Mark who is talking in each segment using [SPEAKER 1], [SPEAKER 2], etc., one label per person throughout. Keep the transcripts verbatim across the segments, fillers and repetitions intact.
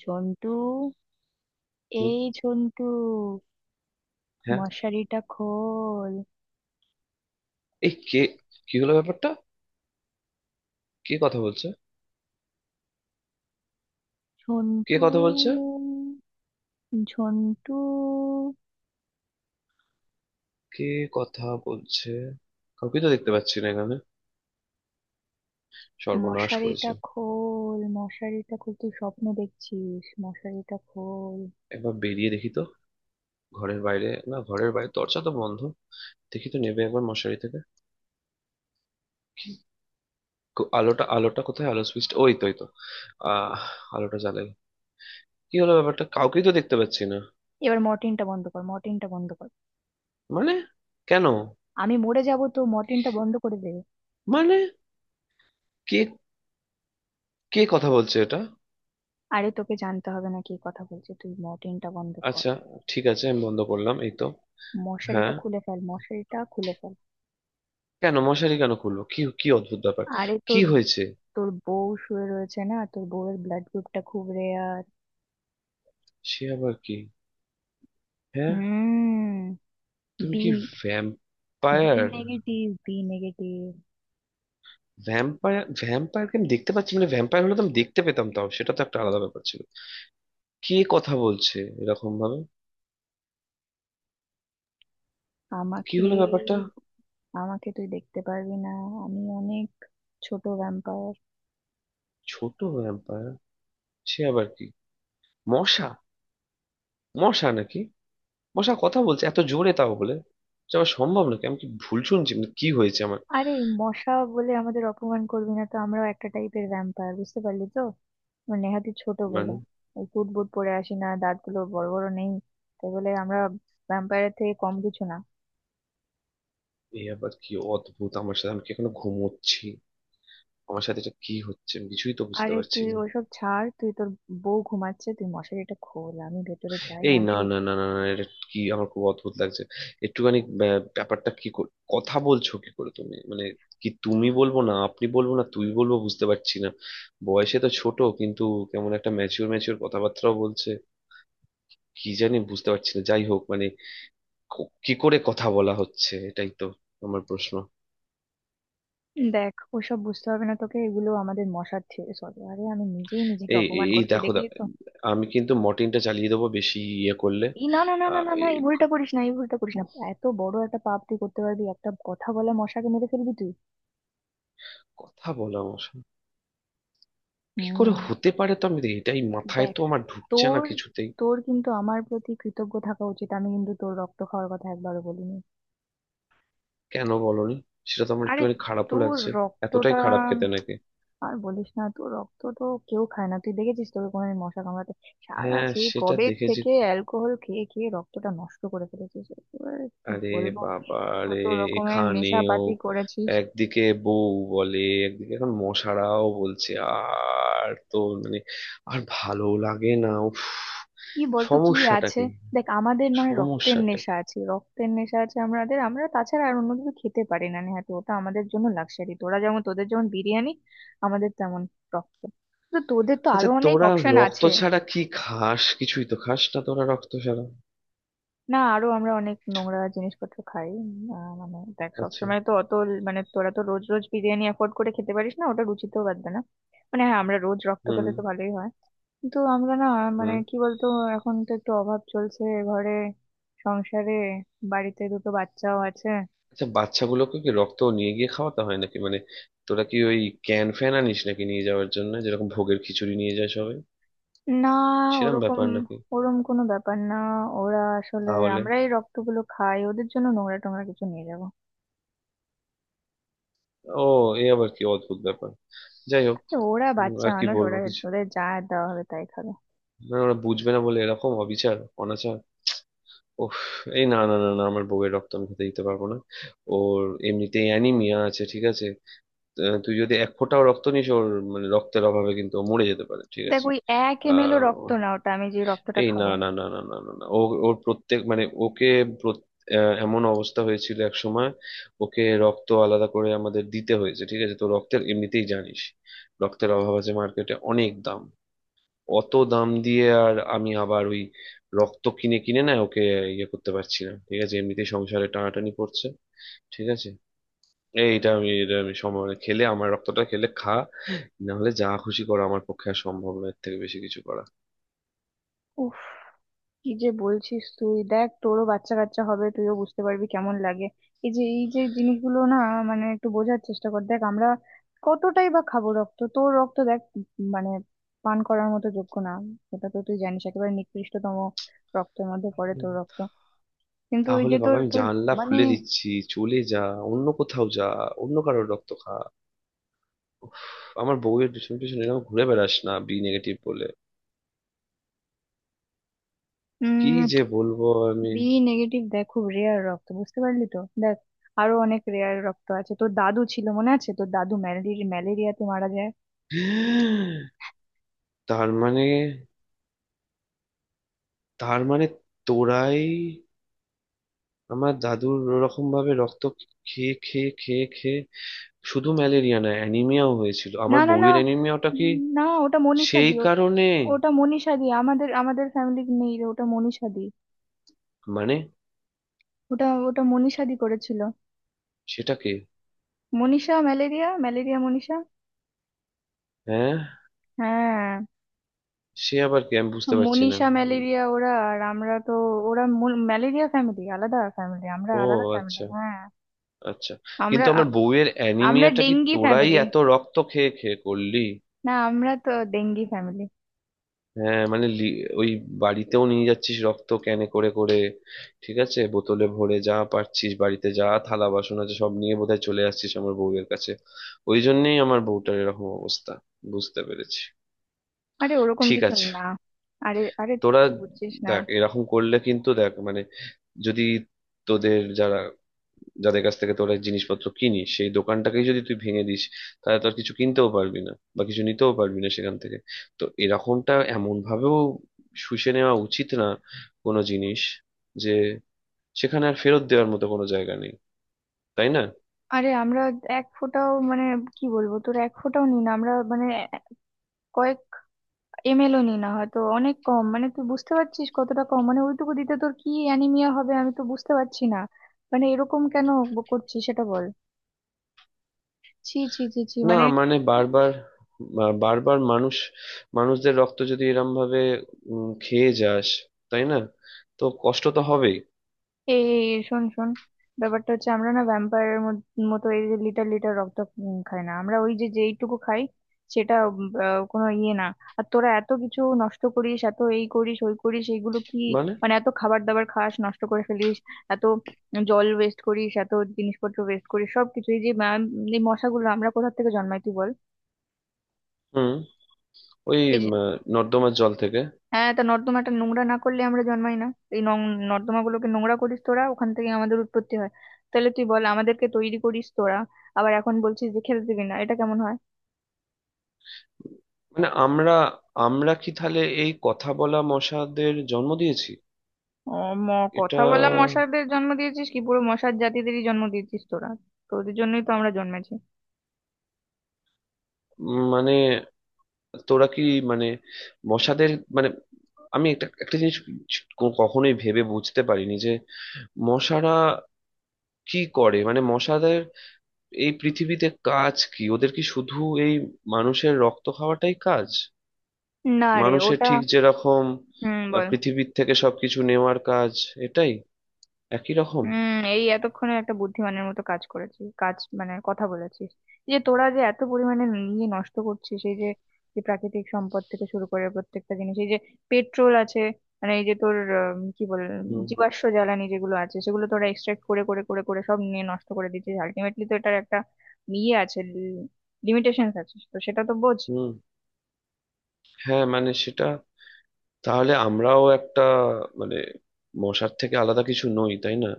[SPEAKER 1] ঝন্টু!
[SPEAKER 2] হুম,
[SPEAKER 1] এই ঝন্টু,
[SPEAKER 2] হ্যাঁ।
[SPEAKER 1] মশারিটা খোল।
[SPEAKER 2] এই কে? কি হলো ব্যাপারটা? কে কথা বলছে? কে
[SPEAKER 1] ঝন্টু,
[SPEAKER 2] কথা বলছে?
[SPEAKER 1] ঝন্টু,
[SPEAKER 2] কে কথা বলছে? কাউকে তো দেখতে পাচ্ছি না এখানে। সর্বনাশ
[SPEAKER 1] মশারিটা
[SPEAKER 2] করেছে।
[SPEAKER 1] খোল, মশারিটা খোল, তুই স্বপ্ন দেখছিস, মশারিটা খোল।
[SPEAKER 2] একবার বেরিয়ে দেখি তো। ঘরের বাইরে না, ঘরের বাইরে দরজা তো বন্ধ। দেখি তো নেবে একবার মশারি থেকে। কো- আলোটা, আলোটা কোথায় আলো সুইচটা? ওই তো, ওই তো। আহ আলোটা জ্বালাই। কি হলো ব্যাপারটা? কাউকেই তো দেখতে পাচ্ছি না।
[SPEAKER 1] এবার মর্টিনটা বন্ধ কর, মর্টিনটা বন্ধ কর,
[SPEAKER 2] মানে? কেন?
[SPEAKER 1] আমি মরে যাব তো, মর্টিনটা বন্ধ করে দে।
[SPEAKER 2] মানে কে কে কথা বলছে এটা?
[SPEAKER 1] আরে তোকে জানতে হবে না কি কথা বলছে, তুই মর্টিনটা বন্ধ কর।
[SPEAKER 2] আচ্ছা, ঠিক আছে, আমি বন্ধ করলাম, এই তো। হ্যাঁ,
[SPEAKER 1] মশারিটা খুলে ফেল, মশারিটা খুলে ফেল।
[SPEAKER 2] কেন মশারি কেন খুলবো? কি কি অদ্ভুত ব্যাপার!
[SPEAKER 1] আরে তোর
[SPEAKER 2] কি হয়েছে?
[SPEAKER 1] তোর বউ শুয়ে রয়েছে না, তোর বউয়ের ব্লাড গ্রুপটা খুব রেয়ার।
[SPEAKER 2] সে আবার কি? হ্যাঁ,
[SPEAKER 1] হুম।
[SPEAKER 2] তুমি
[SPEAKER 1] বি
[SPEAKER 2] কি
[SPEAKER 1] B
[SPEAKER 2] vampire?
[SPEAKER 1] Negative, B negative.
[SPEAKER 2] Vampire ভ্যাম্পায়ারকে আমি দেখতে পাচ্ছি, মানে ভ্যাম্পায়ার হলে তো আমি দেখতে পেতাম, তাও সেটা তো একটা আলাদা ব্যাপার ছিল। কে কথা বলছে এরকম ভাবে? কি
[SPEAKER 1] আমাকে
[SPEAKER 2] হলো ব্যাপারটা?
[SPEAKER 1] আমাকে তুই দেখতে পারবি না, আমি অনেক ছোট ভ্যাম্পায়ার।
[SPEAKER 2] ছোট ভ্যাম্পায়ার? সে আবার কি? মশা? মশা নাকি? মশা কথা বলছে এত জোরে, তাও বলে! এটা আবার সম্ভব নাকি? আমি কি ভুল শুনছি? মানে কি হয়েছে আমার?
[SPEAKER 1] আরে মশা বলে আমাদের অপমান করবি না তো, আমরাও একটা টাইপের ভ্যাম্পায়ার, বুঝতে পারলি তো। আমরা নেহাতি ছোট বলে
[SPEAKER 2] মানে
[SPEAKER 1] ওই কুট বুট পরে আসি না, দাঁতগুলো বড় বড় নেই, তাই বলে আমরা ভ্যাম্পায়ারের থেকে কম কিছু না।
[SPEAKER 2] এই আবার কি অদ্ভুত আমার সাথে! আমি কি এখনো ঘুমোচ্ছি? আমার সাথে এটা কি হচ্ছে? আমি কিছুই তো বুঝতে
[SPEAKER 1] আরে
[SPEAKER 2] পারছি
[SPEAKER 1] তুই
[SPEAKER 2] না।
[SPEAKER 1] ওইসব ছাড়, তুই তোর বউ ঘুমাচ্ছে, তুই মশারিটা খোল, আমি ভেতরে যাই,
[SPEAKER 2] এই
[SPEAKER 1] আমি।
[SPEAKER 2] না না না না না, এটা কি? আমার খুব অদ্ভুত লাগছে। একটুখানি ব্যা- ব্যাপারটা কি? কর- কথা বলছো কি করে তুমি? মানে কি তুমি বলবো, না আপনি বলবো, না তুই বলবো, বুঝতে পারছি না। বয়সে তো ছোট কিন্তু কেমন একটা ম্যাচিওর ম্যাচিওর কথাবার্তাও বলছে। কি জানি, বুঝতে পারছি না, যাই হোক, মানে ক- কি করে কথা বলা হচ্ছে এটাই তো আমার প্রশ্ন।
[SPEAKER 1] দেখ ওসব বুঝতে হবে না তোকে, এগুলো আমাদের মশার থিওরি। সরি, আরে আমি নিজেই নিজেকে
[SPEAKER 2] এই এই
[SPEAKER 1] অপমান
[SPEAKER 2] এই
[SPEAKER 1] করছি,
[SPEAKER 2] দেখো
[SPEAKER 1] দেখলি
[SPEAKER 2] দা-
[SPEAKER 1] তো।
[SPEAKER 2] আমি কিন্তু মর্টিনটা চালিয়ে দেবো বেশি ইয়ে করলে।
[SPEAKER 1] এই না, না, না, না,
[SPEAKER 2] আহ,
[SPEAKER 1] না, না,
[SPEAKER 2] এই,
[SPEAKER 1] এই ভুলটা করিস না, এই ভুলটা করিস না। এত বড় একটা পাপ তুই করতে পারবি, একটা কথা বলে মশাকে মেরে ফেলবি তুই?
[SPEAKER 2] কথা বলা আমার সাথে। কি করে
[SPEAKER 1] হুম।
[SPEAKER 2] হতে পারে? তো আমি দেখি, এটাই মাথায়
[SPEAKER 1] দেখ
[SPEAKER 2] তো আমার ঢুকছে না
[SPEAKER 1] তোর
[SPEAKER 2] কিছুতেই।
[SPEAKER 1] তোর কিন্তু আমার প্রতি কৃতজ্ঞ থাকা উচিত, আমি কিন্তু তোর রক্ত খাওয়ার কথা একবারও বলিনি।
[SPEAKER 2] কেন বলনি? সেটা তো আমার
[SPEAKER 1] আরে
[SPEAKER 2] একটুখানি খারাপও
[SPEAKER 1] তোর
[SPEAKER 2] লাগছে। এতটাই
[SPEAKER 1] রক্তটা।
[SPEAKER 2] খারাপ খেতে নাকি?
[SPEAKER 1] আর বলিস না তো, রক্ত তো কেউ খায় না, তুই দেখেছিস তোকে কোনোদিন মশা কামড়াতে? সারা
[SPEAKER 2] হ্যাঁ,
[SPEAKER 1] সেই
[SPEAKER 2] সেটা
[SPEAKER 1] কবে
[SPEAKER 2] দেখেছি।
[SPEAKER 1] থেকে অ্যালকোহল খেয়ে খেয়ে রক্তটা নষ্ট করে ফেলেছিস একেবারে, কি
[SPEAKER 2] আরে
[SPEAKER 1] বলবো।
[SPEAKER 2] বাবা রে,
[SPEAKER 1] কত রকমের
[SPEAKER 2] এখানেও!
[SPEAKER 1] নেশাপাতি করেছিস।
[SPEAKER 2] একদিকে বউ বলে, একদিকে এখন মশারাও বলছে, আর তো মানে আর ভালো লাগে না, উফ!
[SPEAKER 1] কি বলতো কি
[SPEAKER 2] সমস্যাটা
[SPEAKER 1] আছে।
[SPEAKER 2] কি?
[SPEAKER 1] দেখ আমাদের নয় রক্তের
[SPEAKER 2] সমস্যাটা
[SPEAKER 1] নেশা
[SPEAKER 2] কি?
[SPEAKER 1] আছে, রক্তের নেশা আছে আমাদের, আমরা তাছাড়া আর অন্য কিছু খেতে পারি না। নেহাতি ওটা আমাদের জন্য লাক্সারি। তোরা যেমন, তোদের যেমন বিরিয়ানি আমাদের তেমন রক্ত। তো তোদের তো আরো
[SPEAKER 2] আচ্ছা
[SPEAKER 1] অনেক
[SPEAKER 2] তোরা
[SPEAKER 1] অপশন
[SPEAKER 2] রক্ত
[SPEAKER 1] আছে।
[SPEAKER 2] ছাড়া কি খাস? কিছুই তো খাস না তোরা রক্ত ছাড়া।
[SPEAKER 1] না, আরো আমরা অনেক নোংরা জিনিসপত্র খাই, উম, আহ, মানে দেখ
[SPEAKER 2] আচ্ছা।
[SPEAKER 1] সবসময় তো অত ল- মানে তোরা তো রোজ রোজ বিরিয়ানি অ্যাফোর্ড করে খেতে পারিস না, ওটা রুচিতেও বাঁধবে না। মানে হ্যাঁ আমরা রোজ রক্ত
[SPEAKER 2] হুম।
[SPEAKER 1] পেলে তো ভালোই হয়, কিন্তু আমরা না, মানে
[SPEAKER 2] হুম।
[SPEAKER 1] কি বলতো, এখন তো একটু অভাব চলছে ঘরে, সংসারে, বাড়িতে দুটো বাচ্চাও আছে।
[SPEAKER 2] আচ্ছা, বাচ্চাগুলোকে কি রক্ত নিয়ে গিয়ে খাওয়াতে হয় নাকি? মানে তোরা কি ওই ক্যান ফ্যান আনিস নাকি নিয়ে যাওয়ার জন্য, যেরকম ভোগের খিচুড়ি নিয়ে যায় সবাই
[SPEAKER 1] না,
[SPEAKER 2] সেরকম
[SPEAKER 1] ওরকম,
[SPEAKER 2] ব্যাপার নাকি?
[SPEAKER 1] ওরম কোনো ব্যাপার না। ওরা আসলে
[SPEAKER 2] তাহলে
[SPEAKER 1] আমরাই রক্তগুলো খাই, ওদের জন্য নোংরা টোংরা কিছু নিয়ে যাবো?
[SPEAKER 2] ও, এ আবার কি অদ্ভুত ব্যাপার! যাই হোক,
[SPEAKER 1] ওরা
[SPEAKER 2] উম,
[SPEAKER 1] বাচ্চা
[SPEAKER 2] আর কি
[SPEAKER 1] মানুষ,
[SPEAKER 2] বলবো
[SPEAKER 1] ওরা,
[SPEAKER 2] কিছু?
[SPEAKER 1] ওদের যা দেওয়া হবে তাই খাবে।
[SPEAKER 2] না ওরা বুঝবে না বলে এরকম অবিচার, অনাচার! ওহ, এই না না না না, আমার বউয়ের রক্ত আমি খেতে দিতে পারবো না। ওর এমনিতেই অ্যানিমিয়া আছে, ঠিক আছে? আহ, তুই যদি এক ফোঁটাও রক্ত নিস ওর, মানে রক্তের অভাবে কিন্তু ও মরে যেতে পারে, ঠিক
[SPEAKER 1] দেখ
[SPEAKER 2] আছে?
[SPEAKER 1] ওই এক এম এল ও রক্ত
[SPEAKER 2] আহ
[SPEAKER 1] না ওটা, আমি যে রক্তটা
[SPEAKER 2] এই না
[SPEAKER 1] খাবো।
[SPEAKER 2] না না না না না না, ও, ওর প্রত্যেক, মানে ওকে প্রত- আহ, এমন অবস্থা হয়েছিল এক সময় ওকে রক্ত আলাদা করে আমাদের দিতে হয়েছে, ঠিক আছে? তো রক্তের এমনিতেই জানিস রক্তের অভাব আছে, মার্কেটে অনেক দাম। অত দাম দিয়ে আর আমি আবার ওই রক্ত কিনে কিনে না ওকে ইয়ে করতে পারছি না, ঠিক আছে? এমনিতেই সংসারে টানাটানি পড়ছে, ঠিক আছে? এইটা আমি, এটা আমি সময় খেলে আমার রক্তটা খেলে খা, না হলে যা খুশি করা আমার পক্ষে আর সম্ভব নয়, এর থেকে বেশি কিছু করা।
[SPEAKER 1] উফ, কি যে বলছিস তুই! দেখ তোরও বাচ্চা কাচ্চা হবে, তুইও বুঝতে পারবি কেমন লাগে। এই যে এই যে জিনিসগুলো না, মানে একটু বোঝার চেষ্টা কর। দেখ আমরা কতটাই বা খাবো রক্ত, তোর রক্ত দেখ উম মানে পান করার মতো যোগ্য না, এটা তো তুই জানিস, একেবারে নিকৃষ্টতম রক্তের মধ্যে পড়ে তোর রক্ত। কিন্তু ওই
[SPEAKER 2] তাহলে
[SPEAKER 1] যে
[SPEAKER 2] বাবা
[SPEAKER 1] তোর
[SPEAKER 2] আমি
[SPEAKER 1] তোর
[SPEAKER 2] জানলা
[SPEAKER 1] মানে
[SPEAKER 2] খুলে দিচ্ছি, চলে যা, অন্য কোথাও যা, অন্য কারোর রক্ত খা, উফ, আমার বউয়ের পিছনে পিছনে এরকম ঘুরে বেড়াস না বি নেগেটিভ বলে। কি যে বলবো আমি!
[SPEAKER 1] বি নেগেটিভ দেখ, খুব রেয়ার রক্ত, বুঝতে পারলি তো। দেখ আরো অনেক রেয়ার রক্ত আছে। তোর দাদু ছিল মনে আছে? তোর দাদু ম্যালেরিয়া ম্যালেরিয়াতে মারা যায়।
[SPEAKER 2] তার মানে, তার মানে তোরাই আমার দাদুর ওরকম ভাবে রক্ত খেয়ে খেয়ে খেয়ে খেয়ে শুধু ম্যালেরিয়া না অ্যানিমিয়াও হয়েছিল।
[SPEAKER 1] না,
[SPEAKER 2] আমার
[SPEAKER 1] না, না,
[SPEAKER 2] বউয়ের অ্যানিমিয়াটা কি
[SPEAKER 1] উম, না ওটা মনীষা
[SPEAKER 2] সেই
[SPEAKER 1] দি ও-
[SPEAKER 2] কারণে?
[SPEAKER 1] ওটা মনীষা দি, আমাদের আমাদের ফ্যামিলি নেই রে, ওটা মনীষা দি।
[SPEAKER 2] মানে
[SPEAKER 1] ওটা ওটা মনীষা দি করেছিল।
[SPEAKER 2] সেটাকে,
[SPEAKER 1] মনীষা ম্যালেরিয়া, ম্যালেরিয়া মনীষা,
[SPEAKER 2] হ্যাঁ,
[SPEAKER 1] হ্যাঁ।
[SPEAKER 2] সে আবার কি? আমি বুঝতে পারছি না।
[SPEAKER 1] মনীষা ম্যালেরিয়া, ওরা আর আমরা তো, ওরা ম্যালেরিয়া ফ্যামিলি, আলাদা ফ্যামিলি, আমরা
[SPEAKER 2] ও
[SPEAKER 1] আলাদা ফ্যামিলি,
[SPEAKER 2] আচ্ছা।
[SPEAKER 1] হ্যাঁ।
[SPEAKER 2] আচ্ছা।
[SPEAKER 1] আমরা
[SPEAKER 2] কিন্তু
[SPEAKER 1] আ-
[SPEAKER 2] আমার বউয়ের
[SPEAKER 1] আমরা
[SPEAKER 2] অ্যানিমিয়াটা কি
[SPEAKER 1] ডেঙ্গি
[SPEAKER 2] তোরাই
[SPEAKER 1] ফ্যামিলি,
[SPEAKER 2] এত রক্ত খেয়ে খেয়ে করলি?
[SPEAKER 1] না আমরা তো ডেঙ্গি ফ্যামিলি।
[SPEAKER 2] হ্যাঁ, মানে লি- ওই বাড়িতেও নিয়ে যাচ্ছিস রক্ত ক্যানে করে করে, ঠিক আছে, বোতলে ভরে, যা পারছিস বাড়িতে, যা থালা বাসন আছে সব নিয়ে বোধহয় চলে আসছিস আমার বউয়ের কাছে। ওই জন্যেই আমার বউটার এরকম অবস্থা, বুঝতে পেরেছি।
[SPEAKER 1] আরে ওরকম
[SPEAKER 2] ঠিক
[SPEAKER 1] কিছু
[SPEAKER 2] আছে
[SPEAKER 1] না। আরে, আরে,
[SPEAKER 2] তোরা,
[SPEAKER 1] তুই বুঝছিস না।
[SPEAKER 2] দেখ এরকম করলে কিন্তু দেখ, মানে যদি তোদের যারা, যাদের কাছ থেকে তোরা জিনিসপত্র কিনিস সেই দোকানটাকেই যদি তুই ভেঙে দিস, তাহলে তো আর কিছু কিনতেও পারবি না বা কিছু নিতেও পারবি না সেখান থেকে। তো এরকমটা এমন ভাবেও শুষে নেওয়া উচিত না কোনো জিনিস, যে সেখানে আর ফেরত দেওয়ার মতো কোনো জায়গা নেই, তাই না?
[SPEAKER 1] আরে আমরা এক ফোঁটাও, মানে কি বলবো, তোর এক ফোঁটাও নি না আমরা, মানে কয়েক এম এল ও নি না, হয়তো অনেক কম, মানে তুই বুঝতে পারছিস কতটা কম, মানে ওইটুকু দিতে তোর কি অ্যানিমিয়া হবে? আমি তো বুঝতে পারছি না, মানে এরকম কেন ব- করছিস, সেটা বল। ছি, ছি, ছি, ছি,
[SPEAKER 2] না
[SPEAKER 1] মানে।
[SPEAKER 2] মানে বারবার, বা- বারবার মানুষ, মানুষদের রক্ত যদি এরম ভাবে উম, খেয়ে যাস, তাই না, তো কষ্ট তো হবেই।
[SPEAKER 1] এই শোন শোন, ব্যাপারটা হচ্ছে আমরা না ভ্যাম্পায়ারের মতো এই যে লিটার লিটার রক্ত উম খাই না আমরা, ওই যে যেইটুকু খাই সেটা উম, আহ, কোনো ইয়ে না। আর তোরা এত কিছু নষ্ট করিস, এত এই করিস ওই করিস, এইগুলো কি,
[SPEAKER 2] মানে
[SPEAKER 1] মানে এত খাবার দাবার খাস, নষ্ট করে ফেলিস, এত জল ওয়েস্ট করিস, এত জিনিসপত্র ওয়েস্ট করিস সবকিছু। এই যে ম্যাম, এই মশাগুলো আমরা কোথা থেকে জন্মাই তুই বল।
[SPEAKER 2] হুম ওই উম, নর্দমার জল থেকে?
[SPEAKER 1] হ্যাঁ, তা নর্দমাটা নোংরা না করলে আমরা জন্মাই না। এই নর্দমা গুলোকে নোংরা করিস তোরা, ওখান থেকে আমাদের উৎপত্তি হয়। তাহলে তুই বল, আমাদেরকে তৈরি করিস তোরা, আবার এখন বলছিস যে খেতে দিবি না, এটা কেমন হয়?
[SPEAKER 2] মানে আমরা আমরা কি তাহলে এই কথা বলা মশাদের জন্ম দিয়েছি?
[SPEAKER 1] ও ম
[SPEAKER 2] এটা
[SPEAKER 1] কথা বলা মশাদের জন্ম দিয়েছিস কি? পুরো মশার জাতিদেরই জন্ম দিয়েছিস তোরা, তোদের জন্যই তো আমরা জন্মেছি।
[SPEAKER 2] উম, মানে তোরা কি, মানে মশাদের, মানে আমি একটা, একটা জিনিস ক- কখনোই ভেবে বুঝতে পারিনি যে মশারা কি করে, মানে মশাদের এই পৃথিবীতে কাজ কি, ওদের কি শুধু এই মানুষের রক্ত খাওয়াটাই কাজ?
[SPEAKER 1] না রে,
[SPEAKER 2] মানুষের
[SPEAKER 1] ওটা।
[SPEAKER 2] ঠিক যেরকম আহ,
[SPEAKER 1] হুম, বল।
[SPEAKER 2] পৃথিবীর থেকে সবকিছু নেওয়ার কাজ এটাই, একই রকম।
[SPEAKER 1] হুম, এই এতক্ষণে একটা বুদ্ধিমানের মতো কাজ করেছিস। কাজ মানে কথা বলেছিস। এই যে তোরা যে এত পরিমাণে নিয়ে নষ্ট করছিস, সেই যে, যে প্রাকৃতিক সম্পদ থেকে শুরু করে প্রত্যেকটা জিনিস, এই যে পেট্রোল আছে, মানে এই যে তোর উম, কি বল,
[SPEAKER 2] হুম।
[SPEAKER 1] জীবাশ্ম জ্বালানি যেগুলো আছে, সেগুলো তোরা এক্সট্রাক্ট করে করে করে করে সব নিয়ে নষ্ট করে দিচ্ছিস। আলটিমেটলি তো এটার একটা ইয়ে আছে, লিমিটেশন আছে, তো সেটা তো বোঝ।
[SPEAKER 2] হুম হ্যাঁ মানে সেটা, তাহলে আমরাও একটা, মানে মশার থেকে আলাদা কিছু নই, তাই না?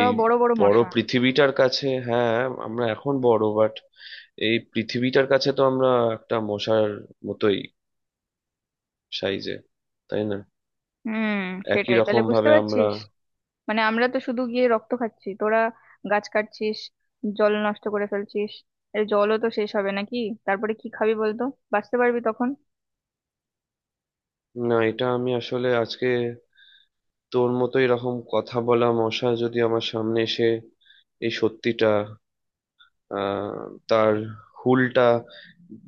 [SPEAKER 2] এই
[SPEAKER 1] বড় বড়
[SPEAKER 2] বড়
[SPEAKER 1] মশা।
[SPEAKER 2] পৃথিবীটার কাছে, হ্যাঁ, আমরা এখন বড় বাট এই পৃথিবীটার কাছে তো আমরা একটা মশার মতোই সাইজে, তাই না?
[SPEAKER 1] হুম,
[SPEAKER 2] একই
[SPEAKER 1] সেটাই তাহলে
[SPEAKER 2] রকম
[SPEAKER 1] বুঝতে
[SPEAKER 2] ভাবে আমরা।
[SPEAKER 1] পারছিস। মানে আমরা তো শুধু গিয়ে রক্ত খাচ্ছি, তোরা গাছ কাটছিস, জল নষ্ট করে ফেলছিস। এর জলও তো শেষ হবে নাকি? তারপরে কি খাবি বলতো? বাঁচতে পারবি তখন?
[SPEAKER 2] না, এটা আমি আসলে আজকে তোর মতো এরকম কথা বলা মশা যদি আমার সামনে এসে এই সত্যিটা আহ, তার হুলটা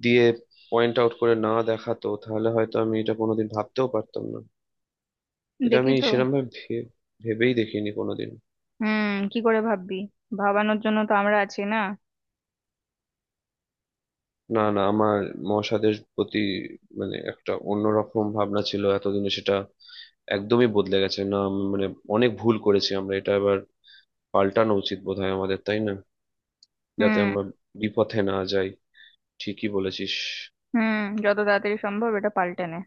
[SPEAKER 2] দিয়ে পয়েন্ট আউট করে না দেখাতো, তাহলে হয়তো আমি এটা কোনোদিন ভাবতেও পারতাম না। এটা
[SPEAKER 1] দেখলি
[SPEAKER 2] আমি
[SPEAKER 1] তো।
[SPEAKER 2] সেরকম ভাবে ভে- ভেবেই দেখিনি কোনোদিন।
[SPEAKER 1] হুম, কি করে ভাববি, ভাবানোর জন্য তো আমরা আছি না।
[SPEAKER 2] না না, আমার মহাসাদের প্রতি, মানে একটা অন্যরকম ভাবনা ছিল, এতদিনে সেটা একদমই বদলে গেছে। না আমি মানে অনেক ভুল করেছি আমরা, এটা এবার পাল্টানো উচিত বোধহয় আমাদের, তাই না? যাতে
[SPEAKER 1] হুম।
[SPEAKER 2] আমরা বিপথে না যাই। ঠিকই বলেছিস।
[SPEAKER 1] হুম, যত তাড়াতাড়ি সম্ভব এটা পাল্টে নে।